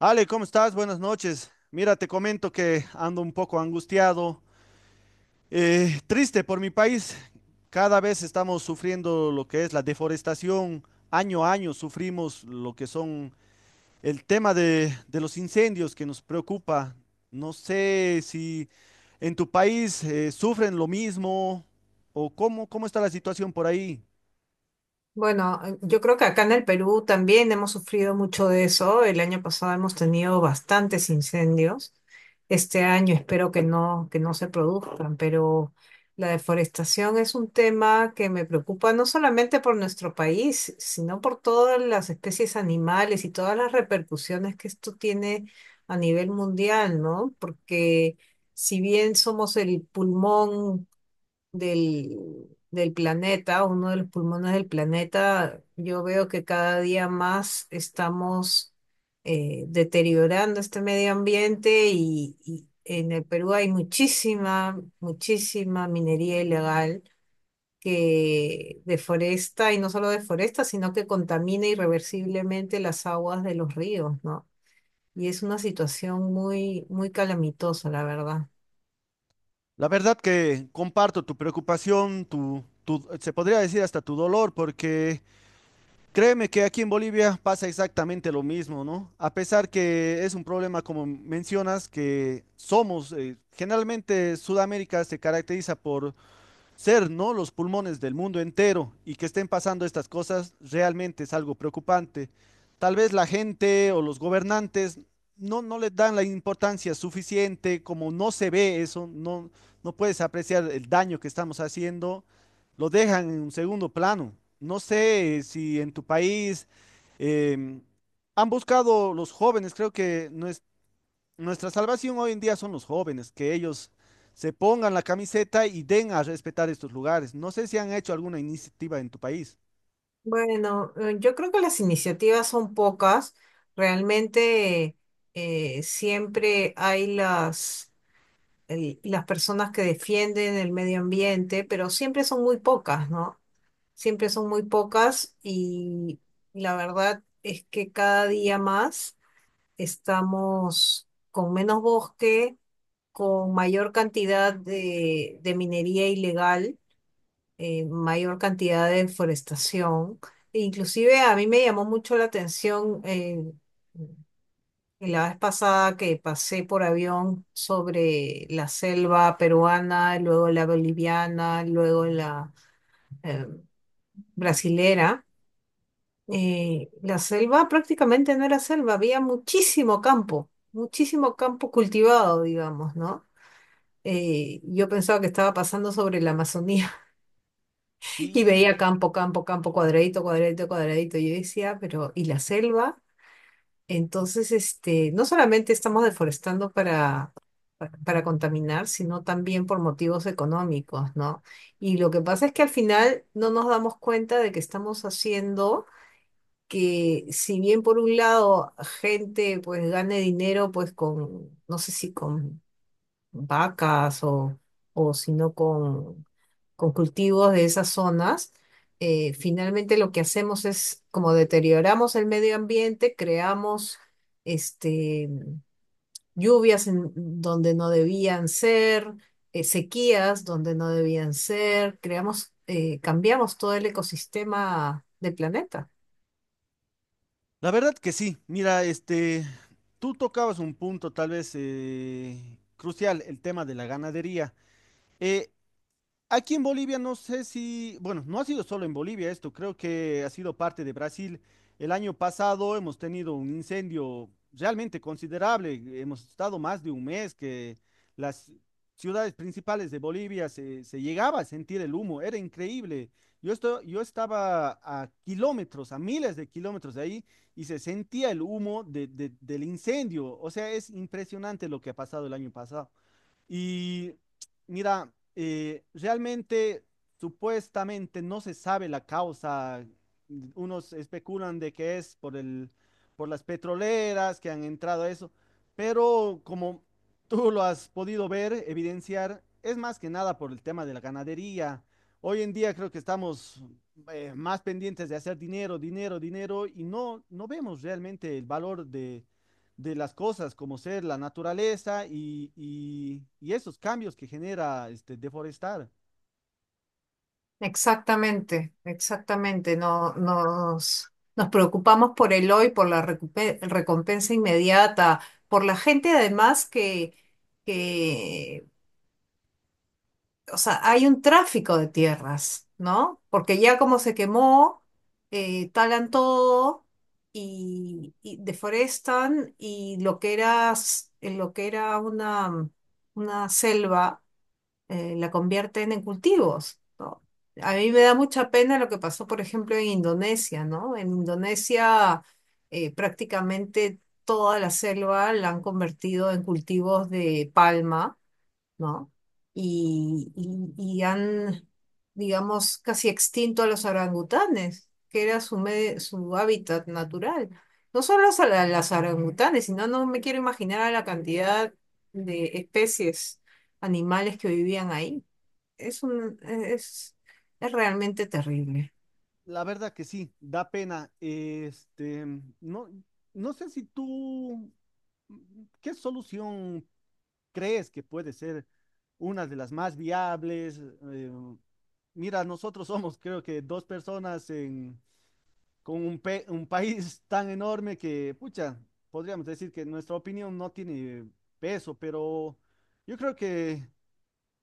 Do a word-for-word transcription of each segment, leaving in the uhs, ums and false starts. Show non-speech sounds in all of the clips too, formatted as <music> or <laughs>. Ale, ¿cómo estás? Buenas noches. Mira, te comento que ando un poco angustiado, eh, triste por mi país. Cada vez estamos sufriendo lo que es la deforestación. Año a año sufrimos lo que son el tema de, de los incendios que nos preocupa. No sé si en tu país eh, sufren lo mismo o cómo, cómo está la situación por ahí. Bueno, eh, yo creo que acá en el Perú también hemos sufrido mucho de eso. El año pasado hemos tenido bastantes incendios. Este año espero que no, que no se produzcan, pero la deforestación es un tema que me preocupa no solamente por nuestro país, sino por todas las especies animales y todas las repercusiones que esto tiene a nivel mundial, ¿no? Porque si bien somos el pulmón del, del planeta, uno de los pulmones del planeta, yo veo que cada día más estamos eh, deteriorando este medio ambiente y, y en el Perú hay muchísima, muchísima minería ilegal que deforesta y no solo deforesta, sino que contamina irreversiblemente las aguas de los ríos, ¿no? Y es una situación muy, muy calamitosa, la verdad. La verdad que comparto tu preocupación, tu, tu, se podría decir hasta tu dolor, porque… Créeme que aquí en Bolivia pasa exactamente lo mismo, ¿no? A pesar que es un problema, como mencionas, que somos, eh, generalmente Sudamérica se caracteriza por ser, ¿no? Los pulmones del mundo entero, y que estén pasando estas cosas realmente es algo preocupante. Tal vez la gente o los gobernantes no, no le dan la importancia suficiente, como no se ve eso, no, no puedes apreciar el daño que estamos haciendo, lo dejan en un segundo plano. No sé si en tu país eh, han buscado los jóvenes, creo que no es nuestra salvación, hoy en día son los jóvenes, que ellos se pongan la camiseta y den a respetar estos lugares. No sé si han hecho alguna iniciativa en tu país. Bueno, eh, yo creo que las iniciativas son pocas. Realmente eh, siempre hay las, el- las personas que defienden el medio ambiente, pero siempre son muy pocas, ¿no? Siempre son muy pocas y la verdad es que cada día más estamos con menos bosque, con mayor cantidad de de minería ilegal, eh, mayor cantidad de deforestación. E inclusive a mí me llamó mucho la atención, eh, la vez pasada que pasé por avión sobre la selva peruana, luego la boliviana, luego la eh, brasilera. eh, la selva prácticamente no era selva, había muchísimo campo, muchísimo campo cultivado, digamos, ¿no? Eh, yo pensaba que estaba pasando sobre la Amazonía. Y Sí, veía campo, campo, campo, cuadradito, cuadradito, cuadradito. Y yo decía, pero ¿y la selva? Entonces, este, no solamente estamos deforestando para, pa- para contaminar, sino también por motivos económicos, ¿no? Y lo que pasa es que al final no nos damos cuenta de que estamos haciendo que, si bien por un lado gente pues gane dinero pues con, no sé si con vacas o, o sino con, con cultivos de esas zonas, eh, finalmente lo que hacemos es como deterioramos el medio ambiente, creamos este, lluvias en donde no debían ser, eh, sequías donde no debían ser, creamos, eh, cambiamos todo el ecosistema del planeta. la verdad que sí. Mira, este, tú tocabas un punto tal vez eh, crucial, el tema de la ganadería. Eh, Aquí en Bolivia no sé si, bueno, no ha sido solo en Bolivia esto, creo que ha sido parte de Brasil. El año pasado hemos tenido un incendio realmente considerable, hemos estado más de un mes que las ciudades principales de Bolivia se, se llegaba a sentir el humo, era increíble. Yo, esto, yo estaba a kilómetros, a miles de kilómetros de ahí y se sentía el humo de- de- del incendio, o sea, es impresionante lo que ha pasado el año pasado. Y mira, eh, realmente supuestamente no se sabe la causa. Unos especulan de que es por el, por las petroleras que han entrado a eso, pero como tú lo has podido ver, evidenciar, es más que nada por el tema de la ganadería. Hoy en día creo que estamos eh, más pendientes de hacer dinero, dinero, dinero y no, no vemos realmente el valor de de las cosas, como ser la naturaleza y, y- y esos cambios que genera este, deforestar. Exactamente, exactamente. No, nos, nos preocupamos por el hoy, por la recupe- recompensa inmediata, por la gente además que, que, o sea, hay un tráfico de tierras, ¿no? Porque ya como se quemó, eh, talan todo y, y deforestan y lo que era, s- lo que era una, una selva, eh, la convierten en cultivos, ¿no? A mí me da mucha pena lo que pasó, por ejemplo, en Indonesia, ¿no? En Indonesia eh, prácticamente toda la selva la han convertido en cultivos de palma, ¿no? Y, y- y han, digamos, casi extinto a los orangutanes, que era su, me- su hábitat natural. No solo a la- las orangutanes, sino no me quiero imaginar a la cantidad de especies animales que vivían ahí. Es un, es, es realmente terrible. La verdad que sí, da pena. Este, no, no sé si tú, mm, ¿qué solución crees que puede ser una de las más viables? Eh, mira, nosotros somos creo que dos personas en, con un, pe- un país <laughs> tan enorme que, pucha, podríamos decir que nuestra opinión no tiene peso, pero yo creo que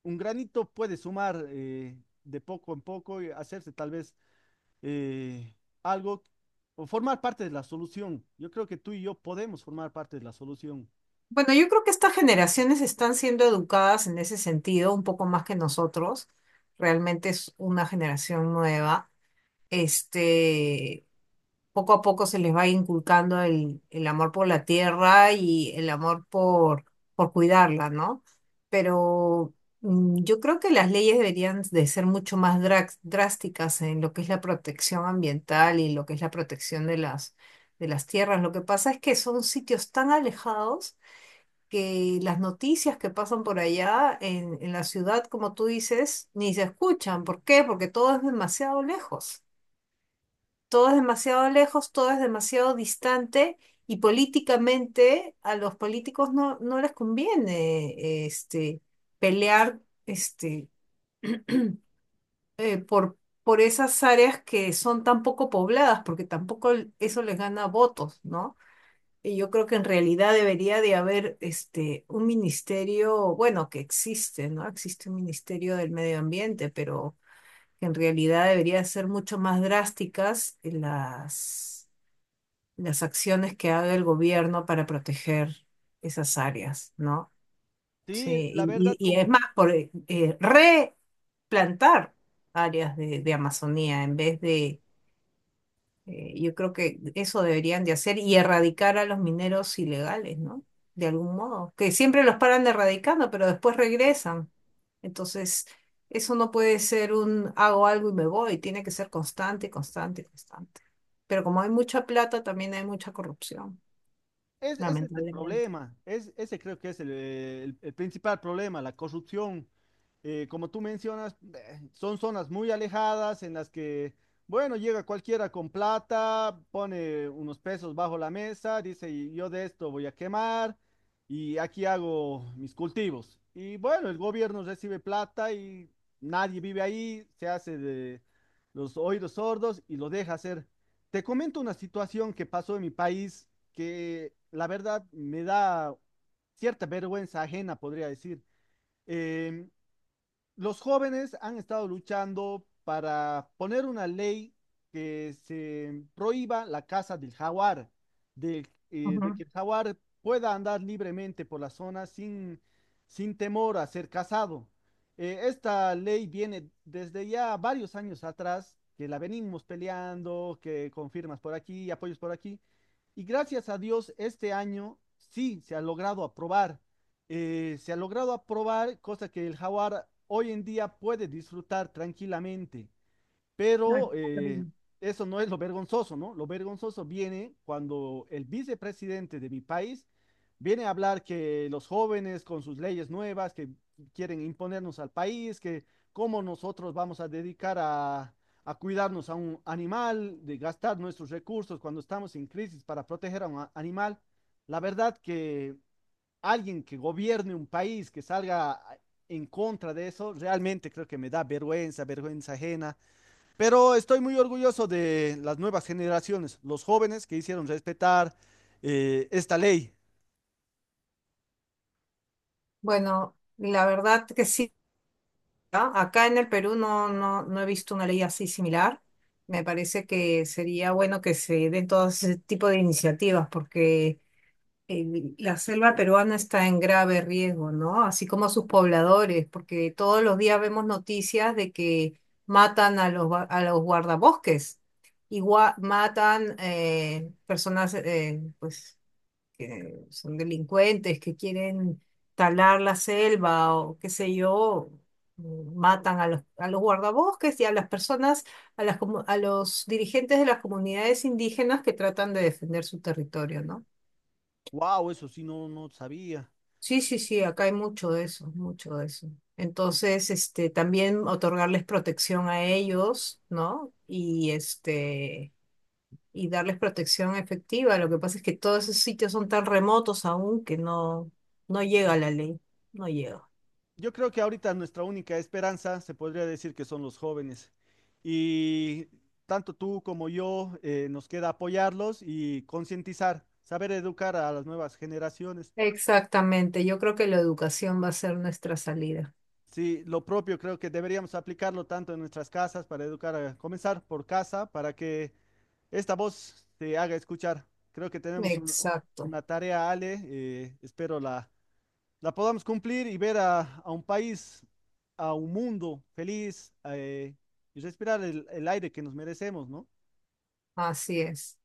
un granito puede sumar, eh, de poco en poco y hacerse tal vez eh, algo o formar parte de la solución. Yo creo que tú y yo podemos formar parte de la solución. Bueno, yo creo que estas generaciones están siendo educadas en ese sentido, un poco más que nosotros. Realmente es una generación nueva. Este, poco a poco se les va inculcando el, el amor por la tierra y el amor por, por cuidarla, ¿no? Pero mm, yo creo que las leyes deberían de ser mucho más drac- drásticas en lo que es la protección ambiental y lo que es la protección de las, de las tierras. Lo que pasa es que son sitios tan alejados que las noticias que pasan por allá en, en la ciudad, como tú dices, ni se escuchan. ¿Por qué? Porque todo es demasiado lejos, todo es demasiado lejos, todo es demasiado distante y políticamente a los políticos no, no les conviene este, pelear este, <clears throat> eh, por, por esas áreas que son tan poco pobladas, porque tampoco l- eso les gana votos, ¿no? Y yo creo que en realidad debería de haber este, un ministerio, bueno, que existe, ¿no? Existe un ministerio del medio ambiente, pero que en realidad debería ser mucho más drásticas las las acciones que haga el gobierno para proteger esas áreas, ¿no? Sí, Sí, la verdad, y, y- y es como… más, por eh, eh, replantar áreas de, de Amazonía en vez de, eh, yo creo que eso deberían de hacer y erradicar a los mineros ilegales, ¿no? De algún modo, que siempre los paran erradicando, pero después regresan. Entonces, eso no puede ser un hago algo y me voy, tiene que ser constante, constante, constante. Pero como hay mucha plata, también hay mucha corrupción Es, ese es el lamentablemente. problema, es, ese creo que es el, eh, el- el principal problema, la corrupción. Eh, como tú mencionas, eh, son zonas muy alejadas en las que, bueno, llega cualquiera con plata, pone unos pesos bajo la mesa, dice, "Y yo de esto voy a quemar y aquí hago mis cultivos". Y bueno, el gobierno recibe plata y nadie vive ahí, se hace de los oídos sordos y lo deja hacer. Te comento una situación que pasó en mi país que la verdad me da cierta vergüenza ajena, podría decir. Em, los jóvenes han estado luchando para poner una ley que se prohíba la caza del jaguar, del, eh, Ujú. de que el jaguar pueda andar libremente por la zona sin, sin temor a ser cazado. Eh, esta ley viene desde ya varios años atrás, que la venimos peleando, que con firmas por aquí, apoyos por aquí, y gracias a Dios este año sí se ha logrado aprobar, eh, se ha logrado aprobar, cosa que el jaguar hoy en día puede disfrutar tranquilamente, Ay, pero qué eh, horrible. eso no es lo vergonzoso, ¿no? Lo vergonzoso viene cuando el vicepresidente de mi país viene a hablar que los jóvenes con sus leyes nuevas que quieren imponernos al país, que cómo nosotros vamos a dedicar a, a cuidarnos a un animal, de gastar nuestros recursos cuando estamos en crisis para proteger a un a- animal. La verdad que alguien que gobierne un país, que salga en contra de eso, realmente creo que me da vergüenza, vergüenza ajena. Pero estoy muy orgulloso de las nuevas generaciones, los jóvenes que hicieron respetar, eh, esta ley. Bueno, la verdad que sí, ¿ah? Acá en el Perú no, no, no he visto una ley así similar. Me parece que sería bueno que se den todo ese tipo de iniciativas porque el- la selva peruana está en grave riesgo, ¿no? Así como sus pobladores, porque todos los días vemos noticias de que matan a los, gua- a los guardabosques, igual matan eh, personas, eh, pues que son delincuentes, que quieren talar la selva o qué sé yo, mm, matan a los, a los guardabosques y a las personas, a las, comu- a los dirigentes de las comunidades indígenas que tratan de defender su territorio, ¿no? Wow, eso sí no, no sabía. Sí, sí, sí, acá hay mucho de eso, mucho de eso. Entonces, este, también otorgarles protección a ellos, ¿no? Y este, y darles protección efectiva. Lo que pasa es que todos esos sitios son tan remotos aún que no, no llega la ley, no llega. Yo creo que ahorita nuestra única esperanza se podría decir que son los jóvenes. Y tanto tú como yo, eh, nos queda apoyarlos y concientizar, saber educar a las nuevas generaciones. Exactamente, yo creo que la educación va a ser nuestra salida. Sí, lo propio creo que deberíamos aplicarlo tanto en nuestras casas para educar, a, comenzar por casa, para que esta voz se haga escuchar. Creo que tenemos un- Exacto, una tarea, Ale, eh, espero la, la podamos cumplir y ver a, a un país, a un mundo feliz, eh, y respirar el, el aire que nos merecemos, ¿no? así es.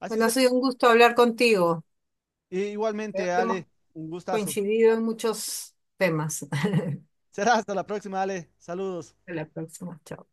Así Bueno, ha será. sido un gusto hablar contigo. E Creo igualmente, que hemos Ale, un gustazo. coincidido en muchos temas. <laughs> Hasta Será hasta la próxima, Ale. Saludos. la próxima, chao.